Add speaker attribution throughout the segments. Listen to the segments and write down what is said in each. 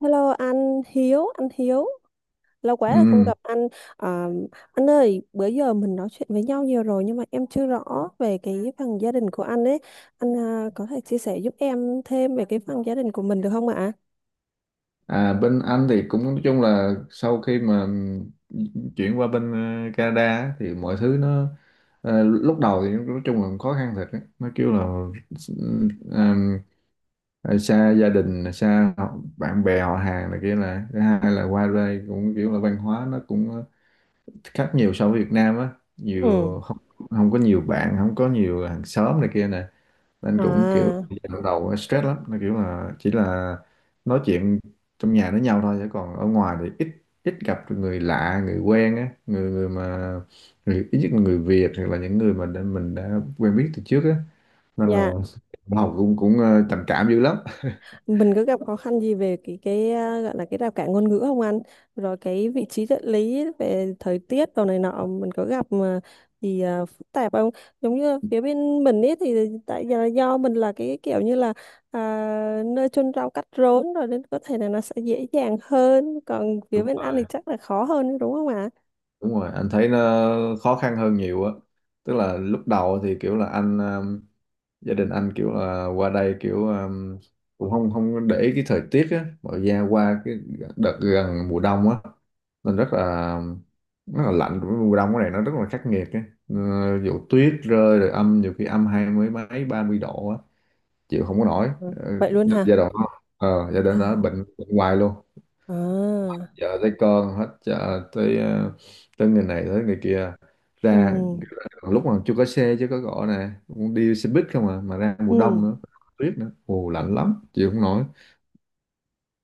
Speaker 1: Hello anh Hiếu, lâu quá rồi không
Speaker 2: Ừ.
Speaker 1: gặp anh. À, anh ơi, bữa giờ mình nói chuyện với nhau nhiều rồi nhưng mà em chưa rõ về cái phần gia đình của anh ấy. Anh à, có thể chia sẻ giúp em thêm về cái phần gia đình của mình được không ạ?
Speaker 2: À, bên Anh thì cũng nói chung là sau khi mà chuyển qua bên Canada á, thì mọi thứ nó lúc đầu thì nói chung là khó khăn thật á. Nó kêu là ừm, ờ, xa gia đình, xa bạn bè họ hàng này kia, là thứ hai là qua đây cũng kiểu là văn hóa nó cũng khác nhiều so với Việt Nam á,
Speaker 1: Ừ.
Speaker 2: nhiều không, không có nhiều bạn, không có nhiều hàng xóm này kia nè, nên cũng kiểu
Speaker 1: À,
Speaker 2: lúc đầu stress lắm, nó kiểu là chỉ là nói chuyện trong nhà với nhau thôi, chứ còn ở ngoài thì ít ít gặp được người lạ người quen á, người người mà người ít nhất là người Việt, hoặc là những người mà mình đã quen biết từ trước á, nên là
Speaker 1: dạ.
Speaker 2: học cũng cũng trầm cảm dữ lắm.
Speaker 1: Mình có gặp khó khăn gì về cái à, gọi là cái rào cản ngôn ngữ không anh, rồi cái vị trí địa lý về thời tiết đồ này nọ mình có gặp mà thì à, phức tạp không, giống như phía bên mình ấy thì tại do mình là cái kiểu như là à, nơi chôn rau cắt rốn rồi nên có thể là nó sẽ dễ dàng hơn, còn phía
Speaker 2: Đúng
Speaker 1: bên anh
Speaker 2: rồi,
Speaker 1: thì chắc là khó hơn đúng không ạ?
Speaker 2: đúng rồi, anh thấy nó khó khăn hơn nhiều á. Tức là lúc đầu thì kiểu là anh gia đình anh kiểu là qua đây kiểu cũng không không để ý cái thời tiết á, mà ra qua cái đợt gần mùa đông á, nên rất là lạnh. Mùa đông cái này nó rất là khắc nghiệt á. Ờ, vụ tuyết rơi, rồi âm, nhiều khi âm hai mươi mấy ba mươi độ á, chịu không có nổi.
Speaker 1: Ừ,
Speaker 2: Ờ,
Speaker 1: vậy luôn hả?
Speaker 2: giai đoạn đó,
Speaker 1: Chào.
Speaker 2: bệnh hoài luôn.
Speaker 1: À,
Speaker 2: Vợ tới con, hết chợ tới tới người này tới người kia
Speaker 1: ừ,
Speaker 2: ra. Lúc mà chưa có xe, chứ có cọ nè cũng đi xe buýt không à, mà ra mùa đông
Speaker 1: ừ.
Speaker 2: nữa, tuyết nữa, ồ lạnh lắm, chịu không nổi.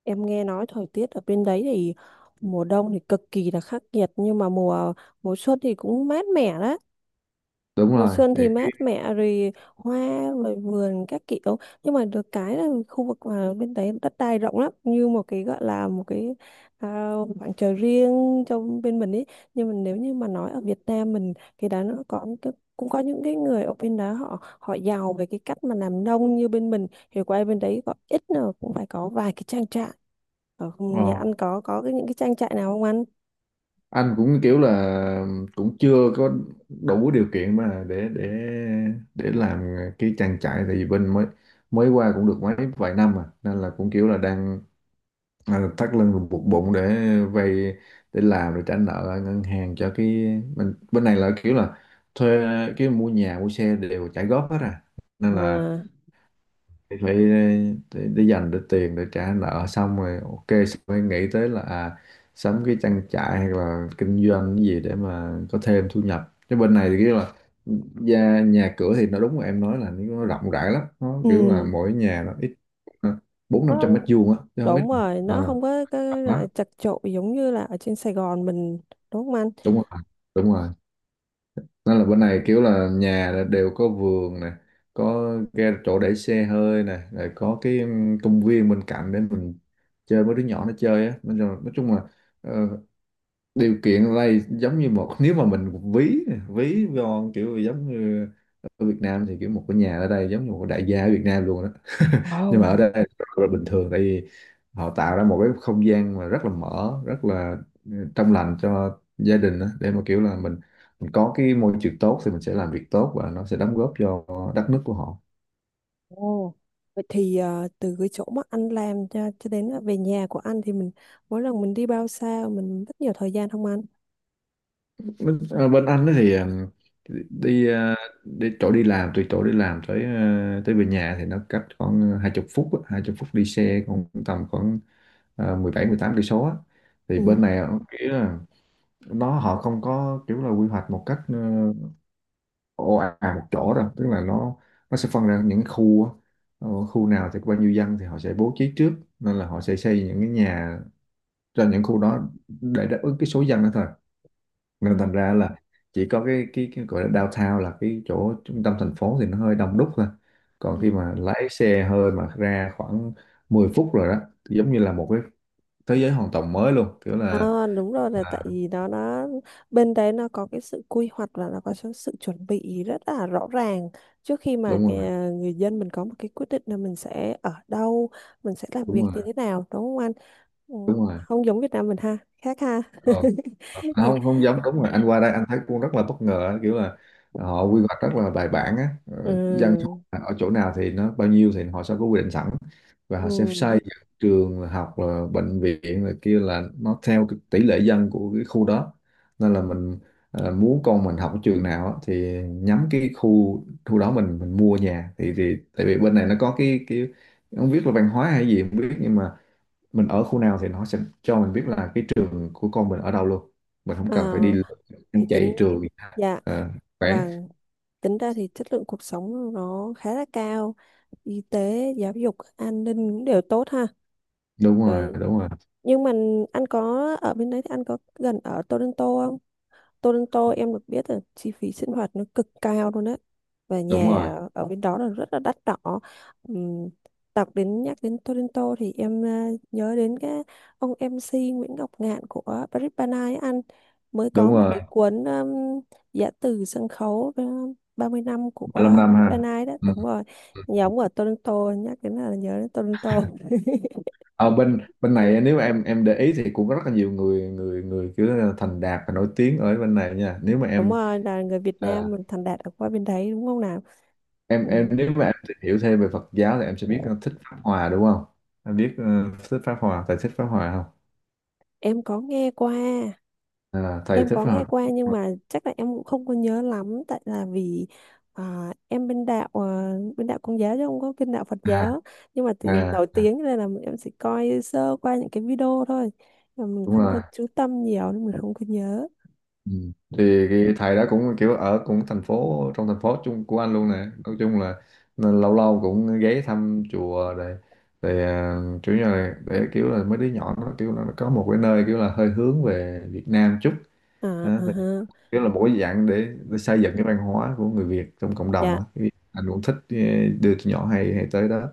Speaker 1: Em nghe nói thời tiết ở bên đấy thì mùa đông thì cực kỳ là khắc nghiệt nhưng mà mùa mùa xuân thì cũng mát mẻ đấy.
Speaker 2: Đúng
Speaker 1: Mùa
Speaker 2: rồi,
Speaker 1: xuân
Speaker 2: thì
Speaker 1: thì
Speaker 2: cái
Speaker 1: mát mẻ rồi hoa, rồi vườn các kiểu, nhưng mà được cái là khu vực mà bên đấy đất đai rộng lắm, như một cái gọi là một cái à, khoảng trời riêng cho bên mình ấy. Nhưng mà nếu như mà nói ở Việt Nam mình thì đã nó có những cái, cũng có những cái người ở bên đó họ họ giàu về cái cách mà làm nông, như bên mình thì qua bên đấy có ít nào cũng phải có vài cái trang trại. Ở nhà
Speaker 2: ờ,
Speaker 1: anh có cái những cái trang trại nào không anh?
Speaker 2: anh cũng kiểu là cũng chưa có đủ điều kiện mà để làm cái trang trại, tại vì bên mới, mới qua cũng được mấy vài năm mà, nên là cũng kiểu là đang thắt lưng rồi buộc bụng để vay, để làm, để trả nợ ở ngân hàng cho cái mình. Bên này là kiểu là thuê, cái mua nhà mua xe đều trả góp hết à, nên là
Speaker 1: À,
Speaker 2: phải phải để dành để tiền để trả nợ xong, rồi ok xong mới nghĩ tới là sắm cái trang trại hay là kinh doanh cái gì để mà có thêm thu nhập. Chứ bên này thì kiểu là nhà cửa thì nó đúng là em nói, là nó rộng rãi lắm, nó kiểu là
Speaker 1: ừ.
Speaker 2: mỗi nhà nó ít bốn năm trăm mét vuông á chứ không ít.
Speaker 1: Đúng rồi, nó
Speaker 2: Ờ,
Speaker 1: không có cái loại chật chội giống như là ở trên Sài Gòn mình, đúng không anh?
Speaker 2: đúng rồi, đúng rồi, nên là bên này kiểu là nhà là đều có vườn nè, có ga chỗ để xe hơi nè, rồi có cái công viên bên cạnh để mình chơi, với đứa nhỏ nó chơi á. Nói chung là ờ, điều kiện ở đây giống như một, nếu mà mình ví ví von kiểu giống như ở Việt Nam, thì kiểu một cái nhà ở đây giống như một đại gia ở Việt Nam luôn đó. Nhưng mà ở
Speaker 1: Wow.
Speaker 2: đây rất là bình thường, tại vì họ tạo ra một cái không gian mà rất là mở, rất là trong lành cho gia đình đó, để mà kiểu là mình có cái môi trường tốt thì mình sẽ làm việc tốt, và nó sẽ đóng góp cho đất nước của họ.
Speaker 1: Ồ. Vậy thì ờ, từ cái chỗ mà anh làm cho đến là về nhà của anh thì mình mỗi lần mình đi bao xa, mình rất nhiều thời gian không anh?
Speaker 2: Bên anh ấy thì đi đi chỗ đi làm, từ chỗ đi làm tới tới về nhà thì nó cách khoảng 20 phút á, 20 phút đi xe, còn tầm khoảng 17-18 cây số á. Thì
Speaker 1: Ừ.
Speaker 2: bên này kiểu là họ không có kiểu là quy hoạch một cách ồ ạt một chỗ đâu, tức là nó sẽ phân ra những khu á. Ờ, khu nào thì có bao nhiêu dân thì họ sẽ bố trí trước, nên là họ sẽ xây những cái nhà cho những khu đó để đáp ứng cái số dân đó thôi. Nên
Speaker 1: Đó.
Speaker 2: thành ra là chỉ có cái gọi là downtown, là cái chỗ trung tâm thành phố thì nó hơi đông đúc thôi. Còn khi mà lái xe hơi mà ra khoảng 10 phút rồi đó, thì giống như là một cái thế giới hoàn toàn mới luôn, kiểu là.
Speaker 1: À, đúng rồi, là tại vì nó bên đấy nó có cái sự quy hoạch và nó có sự sự chuẩn bị rất là rõ ràng trước khi mà
Speaker 2: Đúng rồi,
Speaker 1: cái, ờ, người dân mình có một cái quyết định là mình sẽ ở đâu, mình sẽ làm
Speaker 2: đúng
Speaker 1: việc
Speaker 2: rồi,
Speaker 1: như thế nào, đúng không anh? Ừ,
Speaker 2: đúng rồi.
Speaker 1: không giống Việt Nam mình ha, khác ha.
Speaker 2: Ờ. Không, không giống, đúng rồi, anh qua đây anh thấy cũng rất là bất ngờ, kiểu là họ quy hoạch rất là bài bản á. Ờ, dân số
Speaker 1: Ừ.
Speaker 2: là ở chỗ nào thì nó bao nhiêu thì họ sẽ có quy định sẵn, và họ sẽ
Speaker 1: Ừ.
Speaker 2: xây dựng trường học rồi bệnh viện rồi kia, là nó theo cái tỷ lệ dân của cái khu đó. Nên là mình muốn con mình học ở trường nào á, thì nhắm cái khu khu đó mình mua nhà, thì tại vì bên này nó có cái không biết là văn hóa hay gì không biết, nhưng mà mình ở khu nào thì nó sẽ cho mình biết là cái trường của con mình ở đâu luôn, mình không
Speaker 1: À,
Speaker 2: cần phải đi lượn,
Speaker 1: thì tính.
Speaker 2: chạy trường
Speaker 1: Dạ,
Speaker 2: à, khoảng.
Speaker 1: vâng. Tính ra thì chất lượng cuộc sống nó khá là cao, y tế, giáo dục, an ninh cũng đều tốt ha.
Speaker 2: Đúng
Speaker 1: Rồi,
Speaker 2: rồi, đúng rồi,
Speaker 1: nhưng mà anh có ở bên đấy thì anh có gần ở Toronto không? Toronto em được biết là chi phí sinh hoạt nó cực cao luôn á, và
Speaker 2: đúng rồi,
Speaker 1: nhà ở bên đó là rất là đắt đỏ. Ừm, đọc đến, nhắc đến Toronto thì em à, nhớ đến cái ông MC Nguyễn Ngọc Ngạn của Paris by Night ấy anh, mới có
Speaker 2: đúng
Speaker 1: một
Speaker 2: rồi,
Speaker 1: cái cuốn giã từ sân khấu 30 năm của
Speaker 2: 35 năm
Speaker 1: Paris by
Speaker 2: ha.
Speaker 1: Night đó,
Speaker 2: Ừ.
Speaker 1: đúng rồi. Nhà ở Toronto, nhắc đến là nhớ đến Toronto.
Speaker 2: Ở bên bên này nếu mà em để ý thì cũng có rất là nhiều người người người kiểu là thành đạt và nổi tiếng ở bên này nha, nếu mà
Speaker 1: Đúng
Speaker 2: em
Speaker 1: rồi, là người Việt
Speaker 2: à,
Speaker 1: Nam mình thành đạt ở qua bên đấy, đúng không nào? Ừm.
Speaker 2: nếu mà em tìm hiểu thêm về Phật giáo thì em sẽ biết thích Pháp Hòa đúng không, em biết thích Pháp Hòa, thầy thích Pháp Hòa không?
Speaker 1: Em có nghe qua,
Speaker 2: À, thầy
Speaker 1: em
Speaker 2: thích
Speaker 1: có
Speaker 2: Pháp
Speaker 1: nghe
Speaker 2: Hòa.
Speaker 1: qua nhưng mà chắc là em cũng không có nhớ lắm, tại là vì à, em bên đạo à, bên đạo Công giáo chứ không có bên đạo Phật
Speaker 2: à,
Speaker 1: giáo. Nhưng mà thì nổi
Speaker 2: à,
Speaker 1: tiếng nên là em chỉ coi sơ qua những cái video thôi, mà mình
Speaker 2: đúng
Speaker 1: không
Speaker 2: rồi.
Speaker 1: có chú tâm nhiều nên mình không có nhớ.
Speaker 2: Ừ. Thì cái thầy đó cũng kiểu ở cũng thành phố, trong thành phố chung của anh luôn nè, nói chung là nên lâu lâu cũng ghé thăm chùa rồi để chủ, như là để kiểu là mấy đứa nhỏ nó kiểu là nó có một cái nơi kiểu là hơi hướng về Việt Nam chút
Speaker 1: À,
Speaker 2: đó,
Speaker 1: à
Speaker 2: thì
Speaker 1: ha.
Speaker 2: kiểu là mỗi dạng để xây dựng cái văn hóa của người Việt trong cộng đồng
Speaker 1: Dạ.
Speaker 2: á. Cái anh cũng thích đưa tụi nhỏ hay hay tới đó.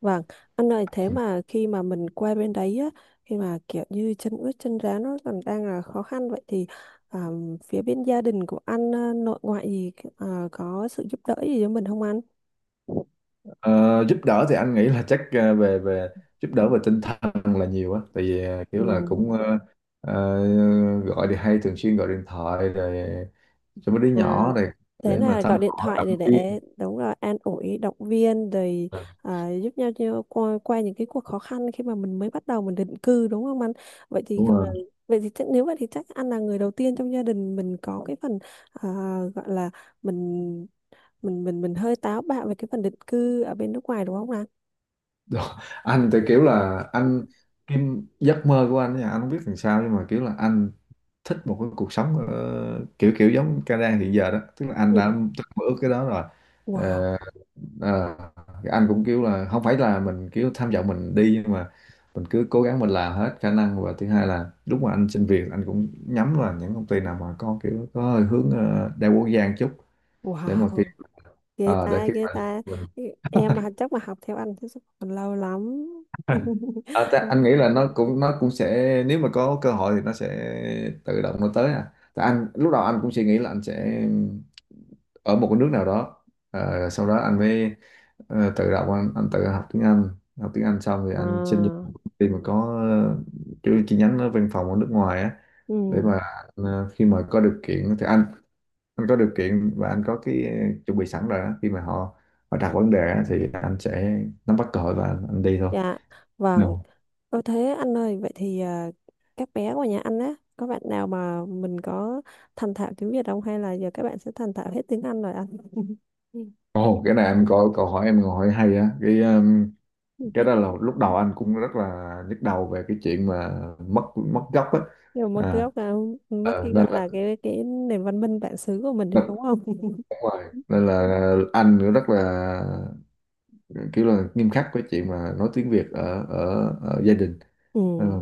Speaker 1: Vâng, anh ơi thế mà khi mà mình qua bên đấy á, khi mà kiểu như chân ướt chân ráo nó còn đang là khó khăn, vậy thì à, phía bên gia đình của anh à, nội ngoại gì à, có sự giúp đỡ gì cho mình không anh?
Speaker 2: Ờ, giúp đỡ thì anh nghĩ là chắc về về giúp đỡ về tinh thần là nhiều á, tại vì
Speaker 1: Ừ.
Speaker 2: kiểu là cũng ờ, gọi thì hay thường xuyên gọi điện thoại rồi cho mấy đứa
Speaker 1: À,
Speaker 2: nhỏ này,
Speaker 1: thế
Speaker 2: để mà
Speaker 1: là
Speaker 2: thăm
Speaker 1: gọi điện
Speaker 2: hỏi,
Speaker 1: thoại
Speaker 2: động
Speaker 1: để
Speaker 2: viên.
Speaker 1: đúng rồi, an ủi động viên rồi
Speaker 2: Ờ,
Speaker 1: à, giúp nhau nhau qua những cái cuộc khó khăn khi mà mình mới bắt đầu mình định cư, đúng không anh? Vậy thì
Speaker 2: đúng
Speaker 1: còn,
Speaker 2: rồi.
Speaker 1: vậy thì chắc, nếu vậy thì chắc anh là người đầu tiên trong gia đình mình có cái phần à, gọi là mình mình hơi táo bạo về cái phần định cư ở bên nước ngoài, đúng không Lan?
Speaker 2: Đó. Anh thì kiểu là anh, cái giấc mơ của anh nha, anh không biết làm sao nhưng mà kiểu là anh thích một cái cuộc sống kiểu kiểu giống Canada hiện giờ đó, tức là anh
Speaker 1: Ừ.
Speaker 2: đã mơ ước cái đó rồi.
Speaker 1: Wow,
Speaker 2: Ờ, Ờ, thì anh cũng kiểu là không phải là mình kiểu tham vọng mình đi, nhưng mà mình cứ cố gắng mình làm hết khả năng, và thứ hai là lúc mà anh xin việc anh cũng nhắm là những công ty nào mà có kiểu có hơi hướng đa quốc gia một chút, để mà
Speaker 1: wow,
Speaker 2: khi
Speaker 1: ghê
Speaker 2: để
Speaker 1: ta,
Speaker 2: khi
Speaker 1: ghê
Speaker 2: mà
Speaker 1: ta.
Speaker 2: mình.
Speaker 1: Em mà chắc mà học theo anh thì chắc còn lâu lắm.
Speaker 2: Anh nghĩ là nó cũng sẽ, nếu mà có cơ hội thì nó sẽ tự động nó tới à. Tại anh lúc đầu anh cũng suy nghĩ là anh sẽ ở một cái nước nào đó. Ờ, sau đó anh mới tự đọc anh tự học tiếng Anh. Học tiếng Anh xong thì
Speaker 1: Ừ.
Speaker 2: anh xin vô
Speaker 1: À,
Speaker 2: một công ty mà có chi chi nhánh ở văn phòng ở nước ngoài á,
Speaker 1: ừ,
Speaker 2: để mà khi mà có điều kiện thì anh có điều kiện và anh có cái chuẩn bị sẵn rồi á, khi mà họ họ đặt vấn đề á, thì anh sẽ nắm bắt cơ hội và anh đi thôi.
Speaker 1: dạ,
Speaker 2: No.
Speaker 1: vâng. Ô thế anh ơi, vậy thì à, các bé của nhà anh á, có bạn nào mà mình có thành thạo tiếng Việt không, hay là giờ các bạn sẽ thành thạo hết tiếng Anh rồi anh?
Speaker 2: Ồ, cái này em có câu hỏi em hỏi hay á, cái cái đó là lúc đầu anh cũng rất là nhức đầu về cái chuyện mà mất mất gốc á.
Speaker 1: Nhưng mà mất cái
Speaker 2: à,
Speaker 1: gốc là mất cái
Speaker 2: nên
Speaker 1: gọi là cái nền văn minh bản xứ của mình
Speaker 2: nó
Speaker 1: đấy,
Speaker 2: cũng
Speaker 1: đúng không?
Speaker 2: đúng rồi, nên là anh cũng rất là kiểu là nghiêm khắc với chuyện mà nói tiếng Việt ở ở gia đình.
Speaker 1: Ừ.
Speaker 2: Nên là,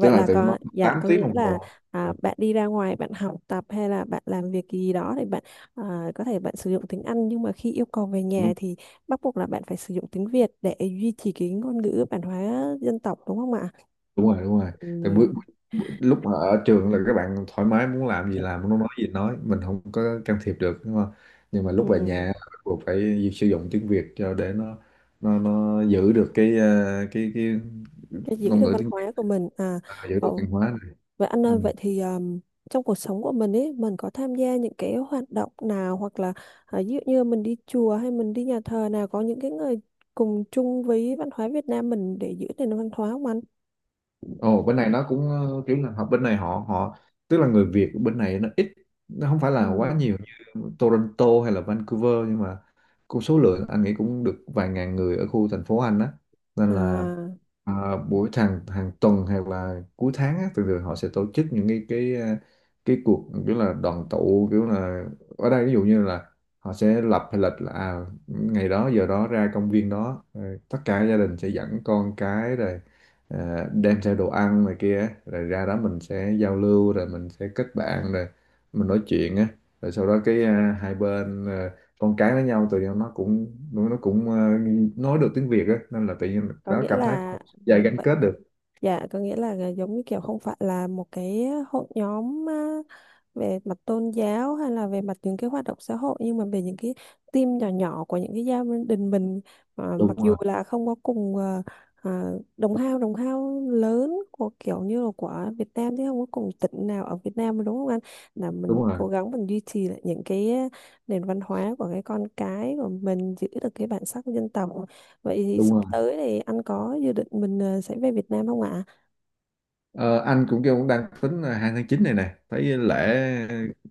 Speaker 2: tức là
Speaker 1: là
Speaker 2: tụi nó
Speaker 1: có, dạ,
Speaker 2: 8
Speaker 1: có
Speaker 2: tiếng
Speaker 1: nghĩa
Speaker 2: đồng
Speaker 1: là
Speaker 2: hồ
Speaker 1: à,
Speaker 2: là.
Speaker 1: bạn đi ra ngoài bạn học tập hay là bạn làm việc gì đó thì bạn à, có thể bạn sử dụng tiếng Anh, nhưng mà khi yêu cầu về nhà
Speaker 2: Đúng,
Speaker 1: thì bắt buộc là bạn phải sử dụng tiếng Việt để duy trì cái ngôn ngữ bản hóa dân tộc, đúng không ạ?
Speaker 2: đúng rồi, đúng rồi.
Speaker 1: Ừ.
Speaker 2: Tại lúc mà ở trường là các bạn thoải mái muốn làm gì làm, muốn nói gì nói, mình không có can thiệp được đúng không, nhưng mà
Speaker 1: Ừ.
Speaker 2: lúc về nhà bắt buộc phải sử dụng tiếng Việt, cho để nó giữ được cái cái
Speaker 1: Cái giữ
Speaker 2: ngôn
Speaker 1: được
Speaker 2: ngữ
Speaker 1: văn
Speaker 2: tiếng Việt
Speaker 1: hóa của mình à,
Speaker 2: và giữ được
Speaker 1: ờ,
Speaker 2: văn hóa này.
Speaker 1: vậy anh ơi,
Speaker 2: Ừ.
Speaker 1: vậy thì trong cuộc sống của mình ấy, mình có tham gia những cái hoạt động nào hoặc là à, ví dụ như mình đi chùa hay mình đi nhà thờ nào có những cái người cùng chung với văn hóa Việt Nam mình để giữ nền văn hóa không anh?
Speaker 2: Ồ, bên này nó cũng kiểu là bên này họ họ tức là người Việt bên này nó ít, nó không phải
Speaker 1: Ừ.
Speaker 2: là quá nhiều Toronto hay là Vancouver, nhưng mà cũng số lượng anh nghĩ cũng được vài ngàn người ở khu thành phố anh á. Nên là
Speaker 1: À,
Speaker 2: hàng hàng tuần hay là cuối tháng á, thường thường họ sẽ tổ chức những cái cái cuộc kiểu là đoàn tụ, kiểu là ở đây ví dụ như là họ sẽ lập hay lịch là ngày đó giờ đó ra công viên đó, rồi tất cả gia đình sẽ dẫn con cái rồi đem theo đồ ăn này kia, rồi ra đó mình sẽ giao lưu, rồi mình sẽ kết bạn, rồi mình nói chuyện á. Rồi sau đó cái hai bên con cái với nhau tự nhiên nó cũng nói được tiếng Việt á, nên là tự nhiên
Speaker 1: có
Speaker 2: nó
Speaker 1: nghĩa
Speaker 2: cảm thấy có
Speaker 1: là,
Speaker 2: một sợi
Speaker 1: ừ,
Speaker 2: dây gắn
Speaker 1: vậy,
Speaker 2: kết được.
Speaker 1: dạ, có nghĩa là ờ, giống như kiểu không phải là một cái hội nhóm về mặt tôn giáo hay là về mặt những cái hoạt động xã hội, nhưng mà về những cái team nhỏ nhỏ của những cái gia đình mình à, mặc
Speaker 2: Đúng
Speaker 1: dù
Speaker 2: rồi,
Speaker 1: là không có cùng à, à, đồng hao lớn của kiểu như là của Việt Nam, chứ không có cùng tỉnh nào ở Việt Nam, đúng không anh? Là mình
Speaker 2: đúng rồi,
Speaker 1: cố gắng mình duy trì lại những cái à, nền văn hóa của cái con cái của mình, giữ được cái bản sắc của dân tộc. Vậy thì
Speaker 2: đúng
Speaker 1: sắp
Speaker 2: rồi.
Speaker 1: tới thì anh có dự định mình à, sẽ về Việt Nam không ạ?
Speaker 2: Ờ, anh cũng kêu cũng đang tính là 2 tháng 9 này nè, thấy lễ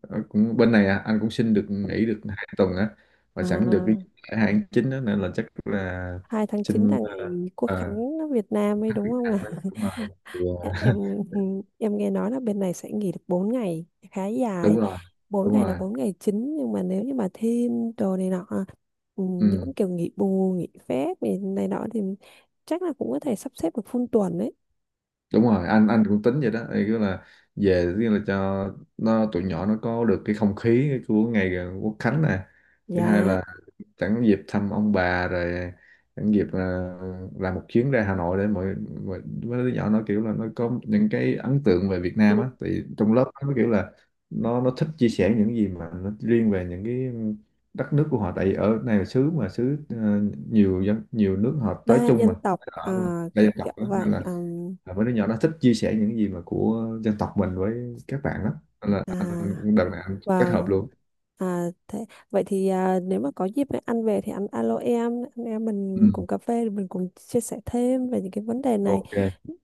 Speaker 2: cũng bên này anh cũng xin được nghỉ được 2 tuần á, và sẵn được cái
Speaker 1: À?
Speaker 2: lễ 2 tháng 9 đó, nên là chắc là
Speaker 1: 2/9
Speaker 2: xin
Speaker 1: là ngày Quốc khánh
Speaker 2: ờ,
Speaker 1: nước Việt Nam ấy, đúng không ạ?
Speaker 2: anh ấy, đúng
Speaker 1: À?
Speaker 2: rồi.
Speaker 1: Em em nghe nói là bên này sẽ nghỉ được 4 ngày, khá dài.
Speaker 2: Đúng rồi,
Speaker 1: Bốn
Speaker 2: đúng
Speaker 1: ngày là
Speaker 2: rồi,
Speaker 1: 4 ngày chính, nhưng mà nếu như mà thêm đồ này nọ, ừ,
Speaker 2: ừ,
Speaker 1: những kiểu nghỉ bù, nghỉ phép này, này nọ thì chắc là cũng có thể sắp xếp được full tuần đấy.
Speaker 2: đúng rồi, anh cũng tính vậy đó. Thì cứ là về, tức là cho tụi nhỏ nó có được cái không khí của ngày Quốc Khánh này, thứ hai
Speaker 1: Dạ,
Speaker 2: là sẵn dịp thăm ông bà rồi, sẵn dịp là làm một chuyến ra Hà Nội, để mọi mấy đứa nhỏ nó kiểu là nó có những cái ấn tượng về Việt
Speaker 1: ừ,
Speaker 2: Nam á, thì trong lớp nó kiểu là nó thích chia sẻ những gì mà nó riêng về những cái đất nước của họ, tại vì ở này là xứ nhiều dân nhiều nước họ tới
Speaker 1: đa
Speaker 2: chung
Speaker 1: dân
Speaker 2: mà
Speaker 1: tộc à,
Speaker 2: ở đây
Speaker 1: cái
Speaker 2: là
Speaker 1: kiểu
Speaker 2: Cộng á, nên
Speaker 1: vậy.
Speaker 2: là
Speaker 1: Ừm,
Speaker 2: mấy đứa nhỏ nó thích chia sẻ những gì mà của dân tộc mình với các bạn lắm. Nên là
Speaker 1: à,
Speaker 2: anh đợt này anh kết hợp
Speaker 1: vâng.
Speaker 2: luôn.
Speaker 1: À, thế, vậy thì à, nếu mà có dịp anh ăn về thì anh alo em, anh em mình
Speaker 2: Ừ.
Speaker 1: cùng cà phê mình cùng chia sẻ thêm về những cái vấn đề này.
Speaker 2: Ok.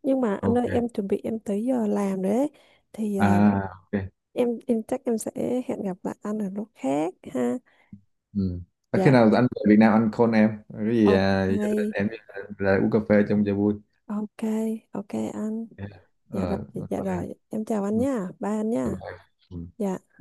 Speaker 1: Nhưng mà anh
Speaker 2: Ok.
Speaker 1: ơi em chuẩn bị em tới giờ làm rồi đấy. Thì à,
Speaker 2: À. Ok.
Speaker 1: em chắc em sẽ hẹn gặp lại anh ở lúc khác ha.
Speaker 2: Ừ. À, khi
Speaker 1: Dạ,
Speaker 2: nào anh về Việt Nam anh call em cái gì
Speaker 1: ok.
Speaker 2: gia đình em ra uống cà phê trong cho vui.
Speaker 1: Ok, ok anh.
Speaker 2: Dạ.
Speaker 1: Dạ rồi,
Speaker 2: Ờ,
Speaker 1: dạ
Speaker 2: bye em.
Speaker 1: rồi. Em chào anh
Speaker 2: Ừ.
Speaker 1: nha. Bye anh
Speaker 2: Bye
Speaker 1: nha.
Speaker 2: bye. Ừ.
Speaker 1: Dạ.